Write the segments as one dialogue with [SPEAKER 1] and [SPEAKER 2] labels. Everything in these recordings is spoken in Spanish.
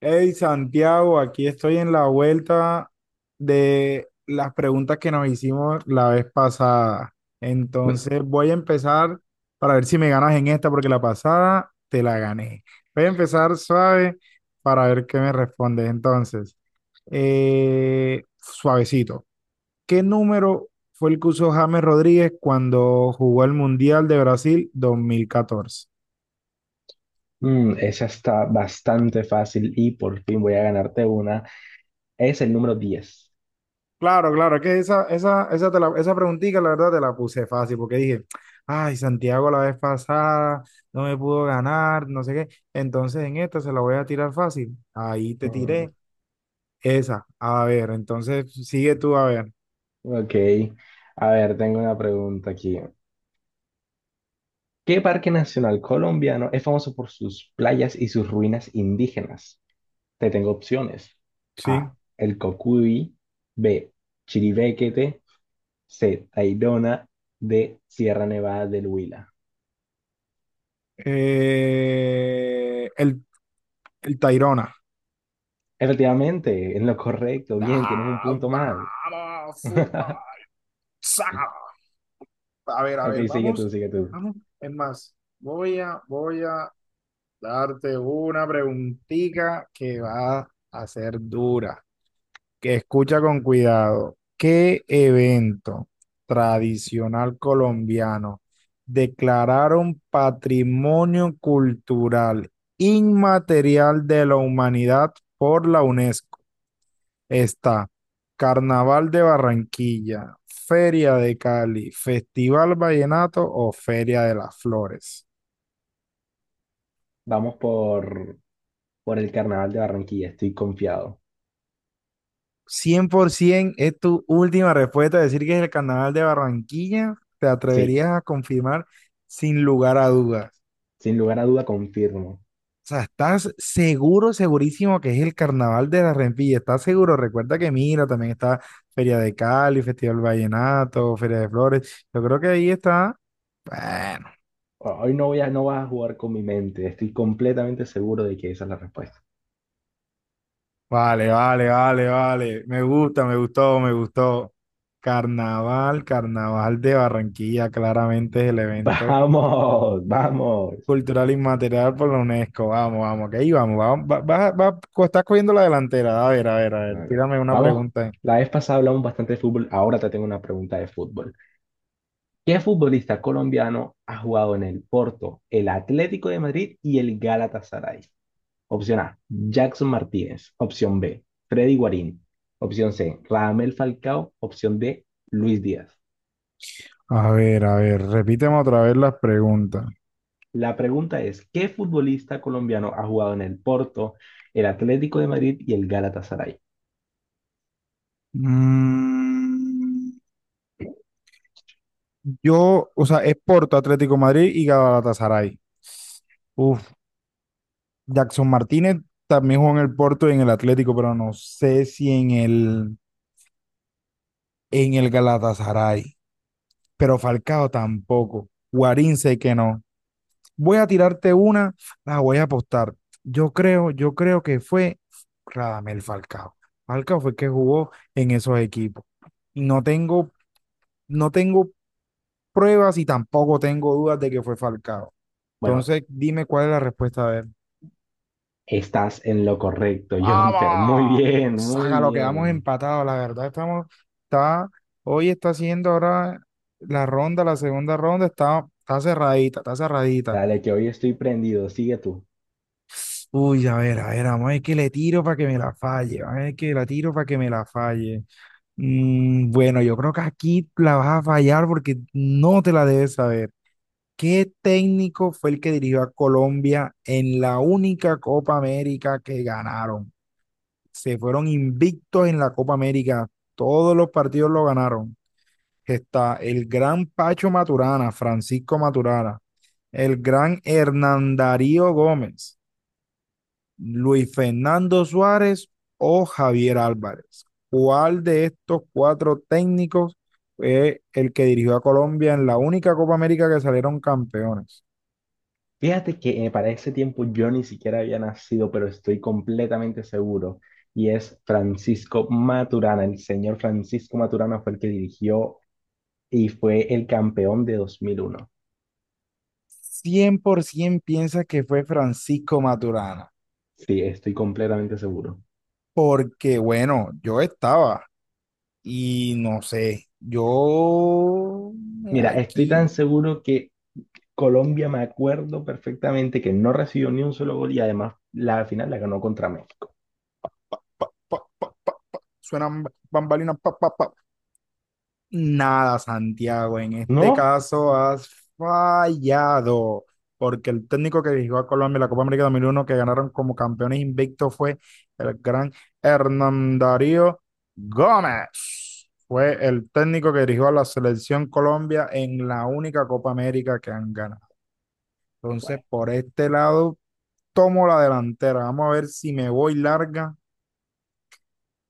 [SPEAKER 1] Hey Santiago, aquí estoy en la vuelta de las preguntas que nos hicimos la vez pasada. Entonces voy a empezar para ver si me ganas en esta, porque la pasada te la gané. Voy a empezar suave para ver qué me respondes. Entonces, suavecito. ¿Qué número fue el que usó James Rodríguez cuando jugó el Mundial de Brasil 2014?
[SPEAKER 2] Esa está bastante fácil y por fin voy a ganarte una. Es el número 10.
[SPEAKER 1] Claro, claro, es que esa preguntita, la verdad, te la puse fácil, porque dije, ay, Santiago la vez pasada no me pudo ganar, no sé qué, entonces en esta se la voy a tirar fácil. Ahí te
[SPEAKER 2] Mm,
[SPEAKER 1] tiré esa. A ver, entonces sigue tú, a ver,
[SPEAKER 2] ok. A ver, tengo una pregunta aquí. ¿Qué parque nacional colombiano es famoso por sus playas y sus ruinas indígenas? Te tengo opciones.
[SPEAKER 1] sí.
[SPEAKER 2] A. El Cocuy. B. Chiribiquete. C. Tayrona. D. Sierra Nevada del Huila.
[SPEAKER 1] Eh, el, el Tayrona.
[SPEAKER 2] Efectivamente, es lo correcto. Bien, tienes un
[SPEAKER 1] Ah,
[SPEAKER 2] punto más.
[SPEAKER 1] vamos, fútbol, saca. A
[SPEAKER 2] Ok,
[SPEAKER 1] ver,
[SPEAKER 2] sigue tú,
[SPEAKER 1] vamos,
[SPEAKER 2] sigue tú.
[SPEAKER 1] vamos. Es más, voy a darte una preguntita que va a ser dura. Que escucha con cuidado. ¿Qué evento tradicional colombiano declararon patrimonio cultural inmaterial de la humanidad por la UNESCO? Está Carnaval de Barranquilla, Feria de Cali, Festival Vallenato o Feria de las Flores.
[SPEAKER 2] Vamos por, por el Carnaval de Barranquilla, estoy confiado.
[SPEAKER 1] 100% es tu última respuesta. Decir que es el carnaval de Barranquilla, te
[SPEAKER 2] Sí,
[SPEAKER 1] atreverías a confirmar sin lugar a dudas.
[SPEAKER 2] sin lugar a duda confirmo.
[SPEAKER 1] O sea, estás seguro, segurísimo que es el carnaval de la Barranquilla. Estás seguro. Recuerda que mira, también está Feria de Cali, Festival Vallenato, Feria de Flores. Yo creo que ahí está. Bueno,
[SPEAKER 2] Hoy no voy a, no vas a jugar con mi mente, estoy completamente seguro de que esa es la respuesta.
[SPEAKER 1] vale, vale, vale, vale. Me gusta, me gustó, me gustó. Carnaval, Carnaval de Barranquilla, claramente es el evento
[SPEAKER 2] Vamos, vamos.
[SPEAKER 1] cultural inmaterial por la UNESCO. Vamos, vamos, que ahí vamos. Vamos, estás cogiendo la delantera. A ver, a ver, a ver.
[SPEAKER 2] No, no.
[SPEAKER 1] Tírame una
[SPEAKER 2] Vamos,
[SPEAKER 1] pregunta.
[SPEAKER 2] la vez pasada hablamos bastante de fútbol, ahora te tengo una pregunta de fútbol. ¿Qué futbolista colombiano ha jugado en el Porto, el Atlético de Madrid y el Galatasaray? Opción A, Jackson Martínez. Opción B, Freddy Guarín. Opción C, Radamel Falcao. Opción D, Luis Díaz.
[SPEAKER 1] A ver, a ver. Repíteme otra vez las preguntas.
[SPEAKER 2] La pregunta es, ¿qué futbolista colombiano ha jugado en el Porto, el Atlético de Madrid y el Galatasaray?
[SPEAKER 1] Mm, o sea, es Porto, Atlético Madrid y Galatasaray. Uf, Jackson Martínez también jugó en el Porto y en el Atlético, pero no sé si en el, Galatasaray. Pero Falcao tampoco. Guarín sé que no. Voy a tirarte una, la voy a apostar. Yo creo que fue Radamel Falcao. Falcao fue el que jugó en esos equipos. Y no tengo pruebas y tampoco tengo dudas de que fue Falcao.
[SPEAKER 2] Bueno,
[SPEAKER 1] Entonces, dime cuál es la respuesta de él.
[SPEAKER 2] estás en lo correcto, Jonfer. Muy
[SPEAKER 1] ¡Vamos!
[SPEAKER 2] bien, muy
[SPEAKER 1] Saca lo que vamos
[SPEAKER 2] bien.
[SPEAKER 1] empatados, la verdad estamos, está, hoy está haciendo ahora la ronda, la segunda ronda, está cerradita, está cerradita.
[SPEAKER 2] Dale, que hoy estoy prendido. Sigue tú.
[SPEAKER 1] Uy, a ver, vamos a ver que le tiro para que me la falle, vamos a ver que la tiro para que me la falle. Bueno, yo creo que aquí la vas a fallar porque no te la debes saber. ¿Qué técnico fue el que dirigió a Colombia en la única Copa América que ganaron? Se fueron invictos en la Copa América, todos los partidos lo ganaron. Está el gran Pacho Maturana, Francisco Maturana, el gran Hernán Darío Gómez. Luis Fernando Suárez o Javier Álvarez. ¿Cuál de estos cuatro técnicos fue el que dirigió a Colombia en la única Copa América que salieron campeones?
[SPEAKER 2] Fíjate que para ese tiempo yo ni siquiera había nacido, pero estoy completamente seguro. Y es Francisco Maturana. El señor Francisco Maturana fue el que dirigió y fue el campeón de 2001.
[SPEAKER 1] 100% piensa que fue Francisco Maturana,
[SPEAKER 2] Sí, estoy completamente seguro.
[SPEAKER 1] porque bueno, yo estaba y no sé, yo
[SPEAKER 2] Mira, estoy tan
[SPEAKER 1] aquí
[SPEAKER 2] seguro que Colombia, me acuerdo perfectamente que no recibió ni un solo gol y además la final la ganó contra México.
[SPEAKER 1] pa, pa, suenan bambalinas, pa, pa, pa, nada, Santiago, en este
[SPEAKER 2] ¿No?
[SPEAKER 1] caso has fallado, porque el técnico que dirigió a Colombia en la Copa América 2001 que ganaron como campeones invictos, fue el gran Hernán Darío Gómez. Fue el técnico que dirigió a la selección Colombia en la única Copa América que han ganado. Entonces,
[SPEAKER 2] Bueno.
[SPEAKER 1] por este lado, tomo la delantera. Vamos a ver si me voy larga.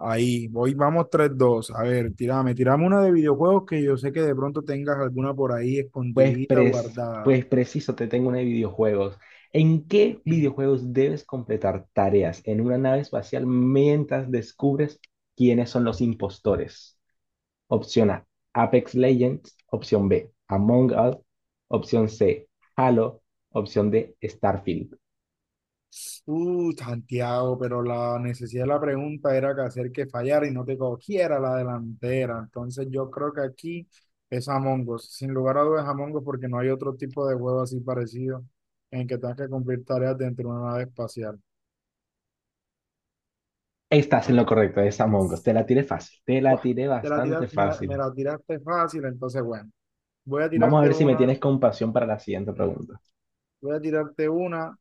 [SPEAKER 1] Ahí, voy, vamos tres, dos. A ver, tirame, tirame una de videojuegos que yo sé que de pronto tengas alguna por ahí
[SPEAKER 2] Pues,
[SPEAKER 1] escondidita,
[SPEAKER 2] pres-
[SPEAKER 1] guardada.
[SPEAKER 2] pues preciso, te tengo una de videojuegos. ¿En qué videojuegos debes completar tareas en una nave espacial mientras descubres quiénes son los impostores? Opción A, Apex Legends. Opción B, Among Us. Opción C, Halo. Opción D, Starfield.
[SPEAKER 1] Santiago, pero la necesidad de la pregunta era que hacer que fallara y no te cogiera la delantera. Entonces yo creo que aquí es Among Us. Sin lugar a dudas Among Us porque no hay otro tipo de juego así parecido en que tengas que cumplir tareas dentro de una nave espacial.
[SPEAKER 2] Estás en lo correcto, es Among Us. Te la tiré fácil, te la
[SPEAKER 1] ¡Guau!
[SPEAKER 2] tiré
[SPEAKER 1] Te la tira-
[SPEAKER 2] bastante
[SPEAKER 1] me
[SPEAKER 2] fácil.
[SPEAKER 1] la tiraste fácil, entonces bueno, voy a
[SPEAKER 2] Vamos a
[SPEAKER 1] tirarte
[SPEAKER 2] ver si me
[SPEAKER 1] una,
[SPEAKER 2] tienes compasión para la siguiente pregunta.
[SPEAKER 1] voy a tirarte una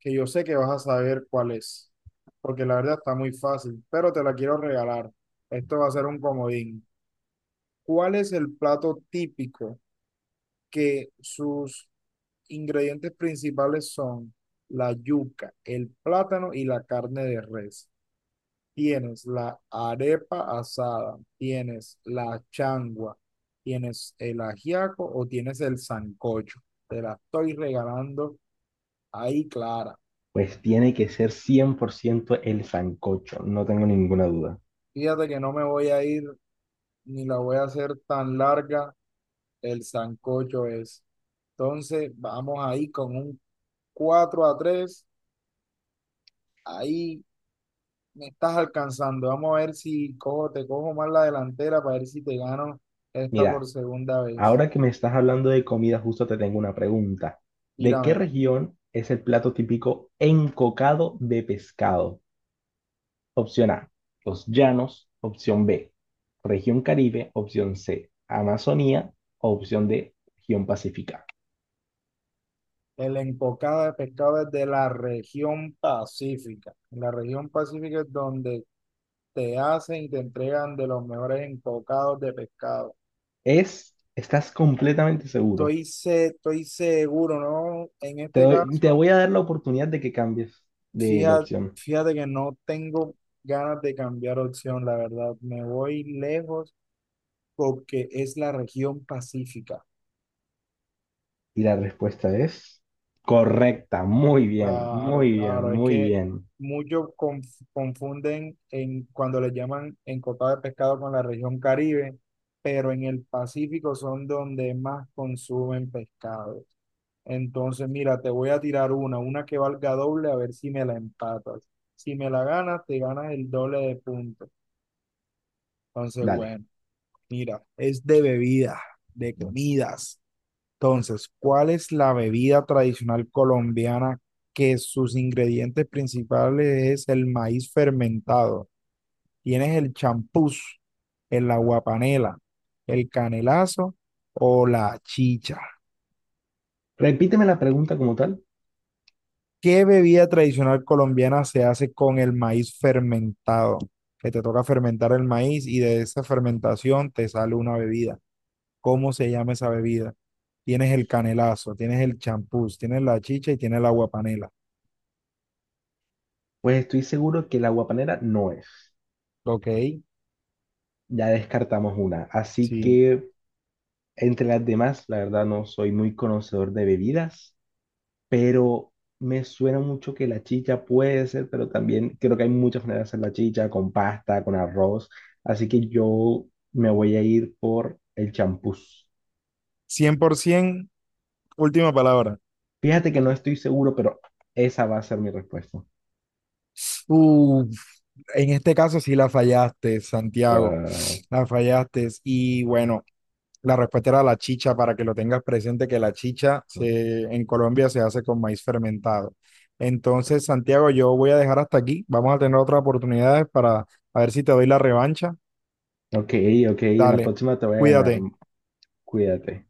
[SPEAKER 1] que yo sé que vas a saber cuál es, porque la verdad está muy fácil, pero te la quiero regalar. Esto va a ser un comodín. ¿Cuál es el plato típico que sus ingredientes principales son la yuca, el plátano y la carne de res? Tienes la arepa asada, tienes la changua, tienes el ajiaco o tienes el sancocho. Te la estoy regalando ahí, Clara.
[SPEAKER 2] Pues tiene que ser 100% el sancocho, no tengo ninguna duda.
[SPEAKER 1] Fíjate que no me voy a ir ni la voy a hacer tan larga, el sancocho es. Entonces, vamos ahí con un 4-3 ahí me estás alcanzando. Vamos a ver si te cojo más la delantera para ver si te gano esta por
[SPEAKER 2] Mira,
[SPEAKER 1] segunda vez.
[SPEAKER 2] ahora que me estás hablando de comida, justo te tengo una pregunta. ¿De qué
[SPEAKER 1] Tíramela.
[SPEAKER 2] región es el plato típico encocado de pescado? Opción A, los llanos. Opción B, región Caribe. Opción C, Amazonía. Opción D, región Pacífica.
[SPEAKER 1] El encocado de pescado es de la región pacífica. En la región pacífica es donde te hacen y te entregan de los mejores encocados de pescado.
[SPEAKER 2] Estás completamente seguro.
[SPEAKER 1] Estoy seguro, ¿no? En este
[SPEAKER 2] Te
[SPEAKER 1] caso,
[SPEAKER 2] voy a dar la oportunidad de que cambies de
[SPEAKER 1] Fíjate,
[SPEAKER 2] opción.
[SPEAKER 1] fíjate que no tengo ganas de cambiar opción, la verdad. Me voy lejos porque es la región pacífica.
[SPEAKER 2] Y la respuesta es correcta. Muy bien,
[SPEAKER 1] Claro,
[SPEAKER 2] muy bien,
[SPEAKER 1] claro. Es
[SPEAKER 2] muy
[SPEAKER 1] que
[SPEAKER 2] bien.
[SPEAKER 1] muchos confunden en, cuando le llaman encotada de pescado con la región Caribe, pero en el Pacífico son donde más consumen pescado. Entonces, mira, te voy a tirar una que valga doble, a ver si me la empatas. Si me la ganas, te ganas el doble de puntos. Entonces,
[SPEAKER 2] Dale.
[SPEAKER 1] bueno. Mira, es de bebidas, de comidas. Entonces, ¿cuál es la bebida tradicional colombiana que sus ingredientes principales es el maíz fermentado? Tienes el champús, el aguapanela, el canelazo o la chicha.
[SPEAKER 2] Repíteme la pregunta como tal,
[SPEAKER 1] ¿Qué bebida tradicional colombiana se hace con el maíz fermentado? Que te toca fermentar el maíz y de esa fermentación te sale una bebida. ¿Cómo se llama esa bebida? Tienes el canelazo, tienes el champús, tienes la chicha y tienes el agua panela.
[SPEAKER 2] pues estoy seguro que la guapanera no es.
[SPEAKER 1] Ok,
[SPEAKER 2] Ya descartamos una, así
[SPEAKER 1] sí.
[SPEAKER 2] que entre las demás, la verdad no soy muy conocedor de bebidas, pero me suena mucho que la chicha puede ser, pero también creo que hay muchas maneras de hacer la chicha, con pasta, con arroz, así que yo me voy a ir por el champús.
[SPEAKER 1] 100%, última palabra.
[SPEAKER 2] Fíjate que no estoy seguro, pero esa va a ser mi respuesta.
[SPEAKER 1] Uf, en este caso sí la fallaste, Santiago.
[SPEAKER 2] Ah,
[SPEAKER 1] La fallaste. Y bueno, la respuesta era la chicha, para que lo tengas presente, que la chicha
[SPEAKER 2] no.
[SPEAKER 1] se, en Colombia se hace con maíz fermentado. Entonces, Santiago, yo voy a dejar hasta aquí. Vamos a tener otras oportunidades para a ver si te doy la revancha.
[SPEAKER 2] Ok, ok, en la
[SPEAKER 1] Dale,
[SPEAKER 2] próxima te voy a ganar,
[SPEAKER 1] cuídate.
[SPEAKER 2] cuídate.